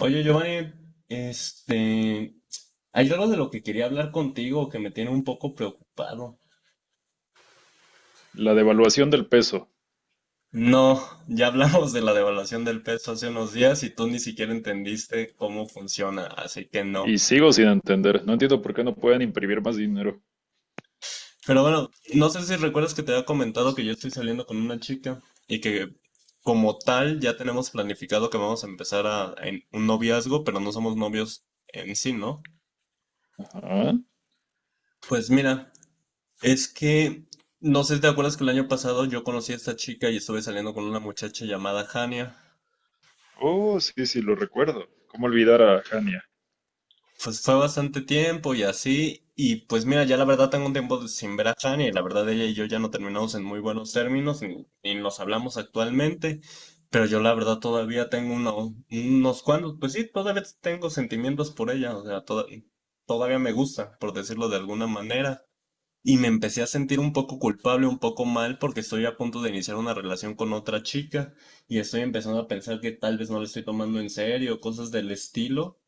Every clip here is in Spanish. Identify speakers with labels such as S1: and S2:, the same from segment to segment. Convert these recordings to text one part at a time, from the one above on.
S1: Oye, Giovanni, este, hay algo de lo que quería hablar contigo que me tiene un poco preocupado.
S2: La devaluación del peso.
S1: No, ya hablamos de la devaluación del peso hace unos días y tú ni siquiera entendiste cómo funciona, así que no.
S2: Y sigo sin entender. No entiendo por qué no pueden imprimir más dinero.
S1: Pero bueno, no sé si recuerdas que te había comentado que yo estoy saliendo con una chica y que como tal ya tenemos planificado que vamos a empezar a, en un noviazgo, pero no somos novios en sí, ¿no?
S2: Ajá.
S1: Pues mira. Es que, no sé si te acuerdas que el año pasado yo conocí a esta chica y estuve saliendo con una muchacha llamada Hania.
S2: Oh, sí, sí, lo recuerdo. ¿Cómo olvidar a Hania?
S1: Pues fue bastante tiempo y así. Y pues mira, ya la verdad tengo un tiempo sin ver a Hania y la verdad ella y yo ya no terminamos en muy buenos términos ni nos hablamos actualmente. Pero yo la verdad todavía tengo unos cuantos, pues sí, todavía tengo sentimientos por ella. O sea, todavía me gusta, por decirlo de alguna manera. Y me empecé a sentir un poco culpable, un poco mal, porque estoy a punto de iniciar una relación con otra chica y estoy empezando a pensar que tal vez no le estoy tomando en serio, cosas del estilo.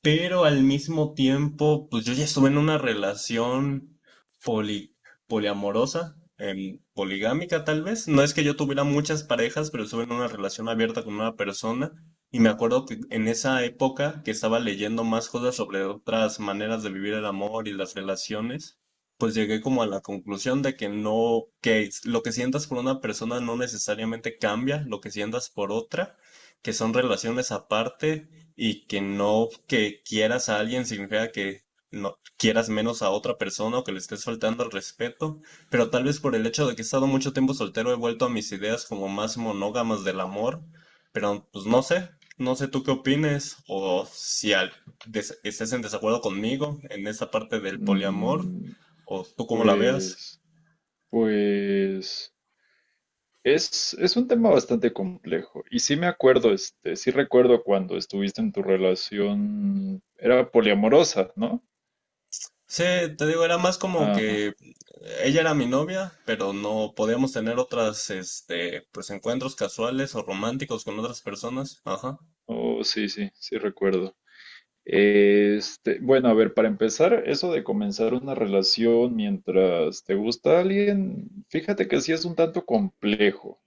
S1: Pero al mismo tiempo, pues yo ya estuve en una relación poli- poliamorosa, poligámica tal vez. No es que yo tuviera muchas parejas, pero estuve en una relación abierta con una persona. Y me acuerdo que en esa época que estaba leyendo más cosas sobre otras maneras de vivir el amor y las relaciones, pues llegué como a la conclusión de que no, lo que sientas por una persona no necesariamente cambia lo que sientas por otra, que son relaciones aparte y que no que quieras a alguien significa que no quieras menos a otra persona o que le estés faltando al respeto, pero tal vez por el hecho de que he estado mucho tiempo soltero he vuelto a mis ideas como más monógamas del amor, pero pues no sé, no sé tú qué opines o si al- des- estés en desacuerdo conmigo en esa parte del poliamor
S2: Mm,
S1: o tú cómo la veas.
S2: pues, pues, es un tema bastante complejo. Y sí me acuerdo, sí recuerdo cuando estuviste en tu relación, era poliamorosa, ¿no?
S1: Sí, te digo, era más como
S2: Ajá.
S1: que ella era mi novia, pero no podíamos tener otras, pues encuentros casuales o románticos con otras personas. Ajá.
S2: Oh, sí, sí, sí recuerdo. Bueno, a ver, para empezar, eso de comenzar una relación mientras te gusta alguien, fíjate que sí es un tanto complejo.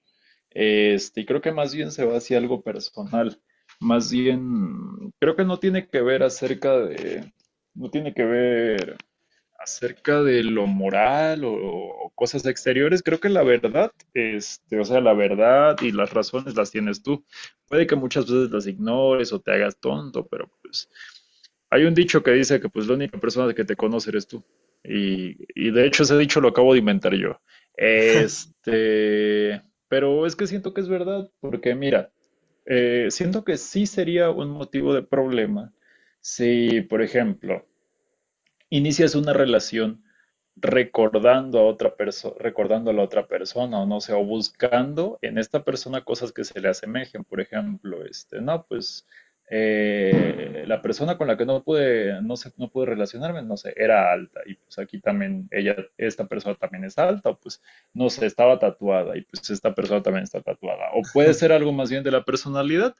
S2: Y creo que más bien se va hacia algo personal. Más bien, creo que no tiene que ver acerca de, no tiene que ver acerca de lo moral o cosas exteriores. Creo que la verdad, o sea, la verdad y las razones las tienes tú. Puede que muchas veces las ignores o te hagas tonto, pero pues hay un dicho que dice que pues la única persona que te conoce eres tú. Y de hecho ese dicho lo acabo de inventar yo. Este, pero es que siento que es verdad, porque mira, siento que sí sería un motivo de problema si, por ejemplo, inicias una relación recordando a la otra persona, o no sé, o buscando en esta persona cosas que se le asemejen. Por ejemplo, no, pues la persona con la que no sé, no pude relacionarme, no sé, era alta, y pues aquí también ella, esta persona también es alta, o pues no sé, estaba tatuada, y pues esta persona también está tatuada. O puede ser algo más bien de la personalidad,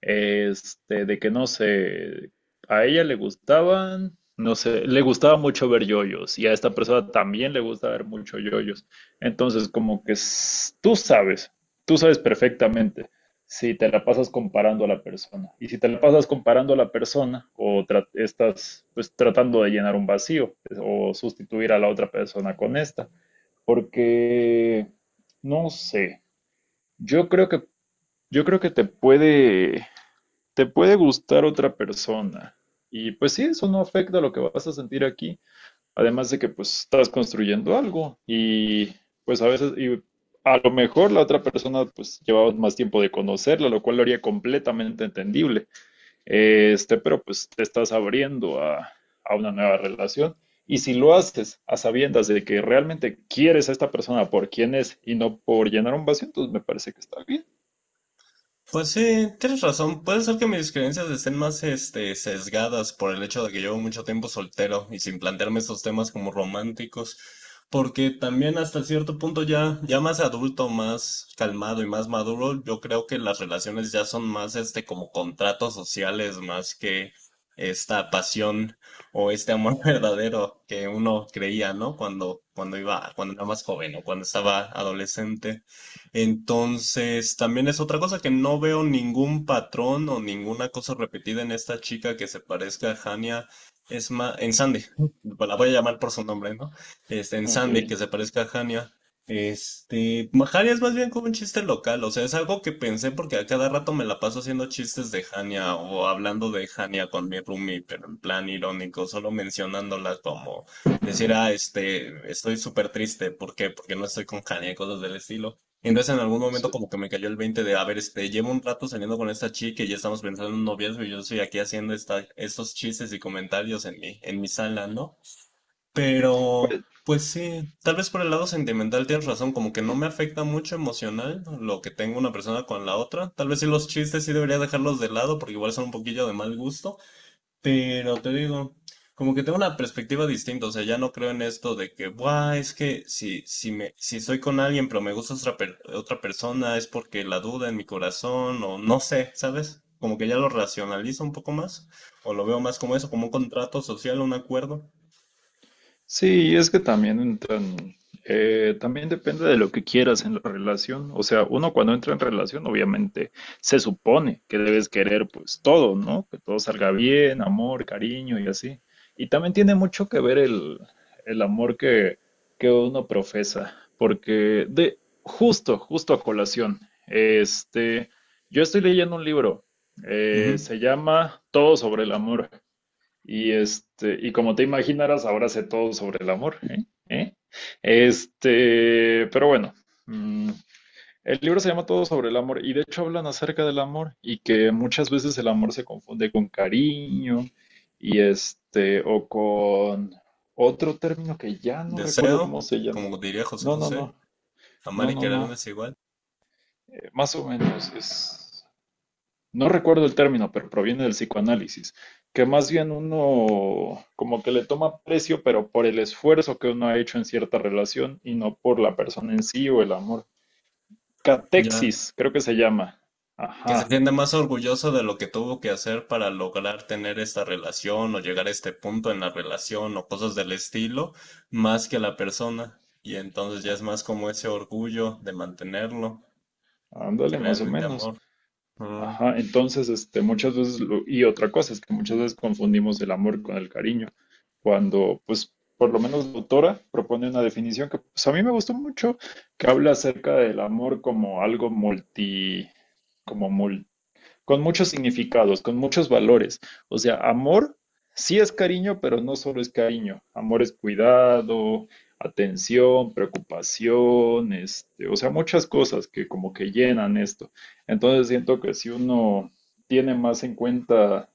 S2: de que no sé, a ella le gustaban, no sé, le gustaba mucho ver yoyos y a esta persona también le gusta ver mucho yoyos. Entonces, como que tú sabes perfectamente si te la pasas comparando a la persona. Y si te la pasas comparando a la persona estás pues tratando de llenar un vacío o sustituir a la otra persona con esta, porque no sé, yo creo que yo creo que te puede gustar otra persona. Y pues sí, eso no afecta lo que vas a sentir aquí. Además de que pues estás construyendo algo y pues a veces, y a lo mejor la otra persona pues llevaba más tiempo de conocerla, lo cual lo haría completamente entendible. Pero pues te estás abriendo a una nueva relación. Y si lo haces a sabiendas de que realmente quieres a esta persona por quien es y no por llenar un vacío, entonces me parece que está bien.
S1: Pues sí, tienes razón. Puede ser que mis creencias estén más, sesgadas por el hecho de que llevo mucho tiempo soltero y sin plantearme estos temas como románticos, porque también hasta cierto punto ya más adulto, más calmado y más maduro, yo creo que las relaciones ya son más, como contratos sociales, más que esta pasión o este amor verdadero que uno creía, ¿no? Cuando era más joven o cuando estaba adolescente. Entonces, también es otra cosa que no veo ningún patrón o ninguna cosa repetida en esta chica que se parezca a Hania. Es más, en Sandy, pues la voy a llamar por su nombre, ¿no? En
S2: Ok.
S1: Sandy, que se parezca a Hania. Hania es más bien como un chiste local, o sea, es algo que pensé porque a cada rato me la paso haciendo chistes de Hania o hablando de Hania con mi roomie, pero en plan irónico, solo mencionándola como decir, ah, estoy súper triste, ¿por qué? Porque no estoy con Hania, y cosas del estilo. Entonces en algún momento
S2: Sí.
S1: como que me cayó el 20 de, a ver, llevo un rato saliendo con esta chica y ya estamos pensando en un noviazgo y yo estoy aquí haciendo estos chistes y comentarios en en mi sala, ¿no? Pero,
S2: Pues,
S1: pues sí, tal vez por el lado sentimental tienes razón, como que no me afecta mucho emocional lo que tengo una persona con la otra. Tal vez sí los chistes sí debería dejarlos de lado porque igual son un poquillo de mal gusto, pero te digo, como que tengo una perspectiva distinta, o sea, ya no creo en esto de que, buah, es que si estoy con alguien pero me gusta otra persona es porque la duda en mi corazón o no sé, ¿sabes? Como que ya lo racionalizo un poco más, o lo veo más como eso, como un contrato social, un acuerdo.
S2: sí, es que también también depende de lo que quieras en la relación. O sea, uno cuando entra en relación, obviamente se supone que debes querer pues todo, ¿no? Que todo salga bien, amor, cariño y así. Y también tiene mucho que ver el amor que uno profesa, porque de justo, justo a colación, este, yo estoy leyendo un libro,
S1: Ujú.
S2: se llama Todo sobre el amor. Y y como te imaginarás, ahora sé todo sobre el amor, ¿eh? ¿Eh? Pero bueno, mm, el libro se llama Todo sobre el amor y de hecho hablan acerca del amor y que muchas veces el amor se confunde con cariño y o con otro término que ya no recuerdo
S1: Deseo,
S2: cómo se llama.
S1: como diría José
S2: No, no,
S1: José,
S2: no,
S1: amar
S2: no,
S1: y
S2: no,
S1: querer no
S2: no,
S1: es igual.
S2: más o menos es, no recuerdo el término, pero proviene del psicoanálisis, que más bien uno como que le toma precio, pero por el esfuerzo que uno ha hecho en cierta relación y no por la persona en sí o el amor.
S1: Ya
S2: Catexis, creo que se llama.
S1: que se
S2: Ajá,
S1: sienta más orgulloso de lo que tuvo que hacer para lograr tener esta relación o llegar a este punto en la relación o cosas del estilo, más que la persona. Y entonces ya es más como ese orgullo de mantenerlo que
S2: ándale, más o
S1: realmente
S2: menos.
S1: amor. Mm.
S2: Ajá, entonces, muchas veces, y otra cosa es que muchas veces confundimos el amor con el cariño, cuando, pues, por lo menos la autora propone una definición que, pues, a mí me gustó mucho, que habla acerca del amor como algo multi, como con muchos significados, con muchos valores. O sea, amor sí es cariño, pero no solo es cariño. Amor es cuidado, atención, preocupación, o sea, muchas cosas que como que llenan esto. Entonces siento que si uno tiene más en cuenta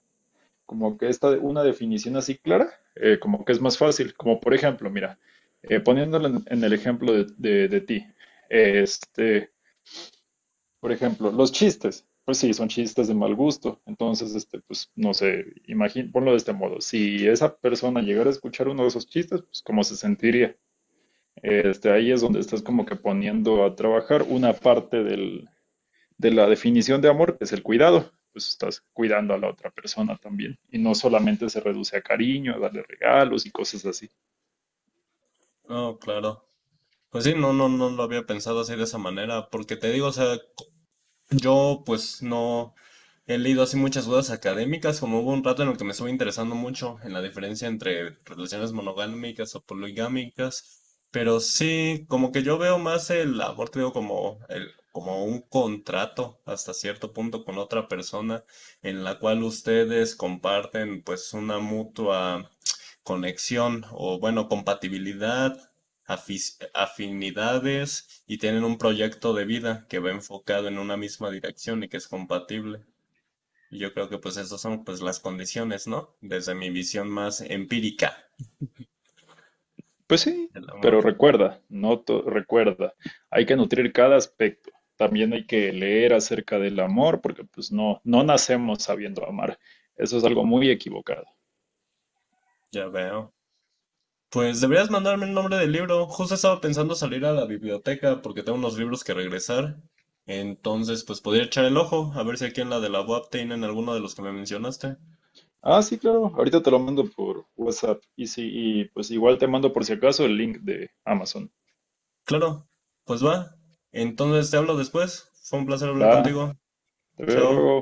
S2: como que esta una definición así clara, como que es más fácil. Como por ejemplo, mira, poniéndolo en el ejemplo de ti, este, por ejemplo, los chistes. Pues sí, son chistes de mal gusto. Entonces, pues no sé, imagín, ponlo de este modo. Si esa persona llegara a escuchar uno de esos chistes, pues cómo se sentiría. Ahí es donde estás como que poniendo a trabajar una parte de la definición de amor, que es el cuidado. Pues estás cuidando a la otra persona también. Y no solamente se reduce a cariño, a darle regalos y cosas así.
S1: Oh, claro. Pues sí, no, no, no lo había pensado así de esa manera, porque te digo, o sea, yo pues no he leído así muchas dudas académicas, como hubo un rato en el que me estuve interesando mucho en la diferencia entre relaciones monogámicas o poligámicas, pero sí, como que yo veo más el amor, creo, como un contrato hasta cierto punto con otra persona en la cual ustedes comparten pues una mutua conexión o bueno, compatibilidad, afinidades y tienen un proyecto de vida que va enfocado en una misma dirección y que es compatible. Y yo creo que pues esas son pues las condiciones, ¿no? Desde mi visión más empírica
S2: Pues sí,
S1: del
S2: pero
S1: amor,
S2: recuerda, no to- recuerda, hay que nutrir cada aspecto. También hay que leer acerca del amor, porque pues no, no nacemos sabiendo amar. Eso es algo muy equivocado.
S1: ya veo. Pues deberías mandarme el nombre del libro. Justo estaba pensando salir a la biblioteca porque tengo unos libros que regresar. Entonces, pues podría echar el ojo a ver si aquí en la de la UAP tienen alguno de los que me mencionaste.
S2: Ah, sí, claro, ahorita te lo mando por WhatsApp. Y sí, y pues igual te mando por si acaso el link de Amazon.
S1: Claro, pues va. Entonces te hablo después. Fue un placer hablar
S2: Va,
S1: contigo.
S2: te veo
S1: Chao.
S2: luego.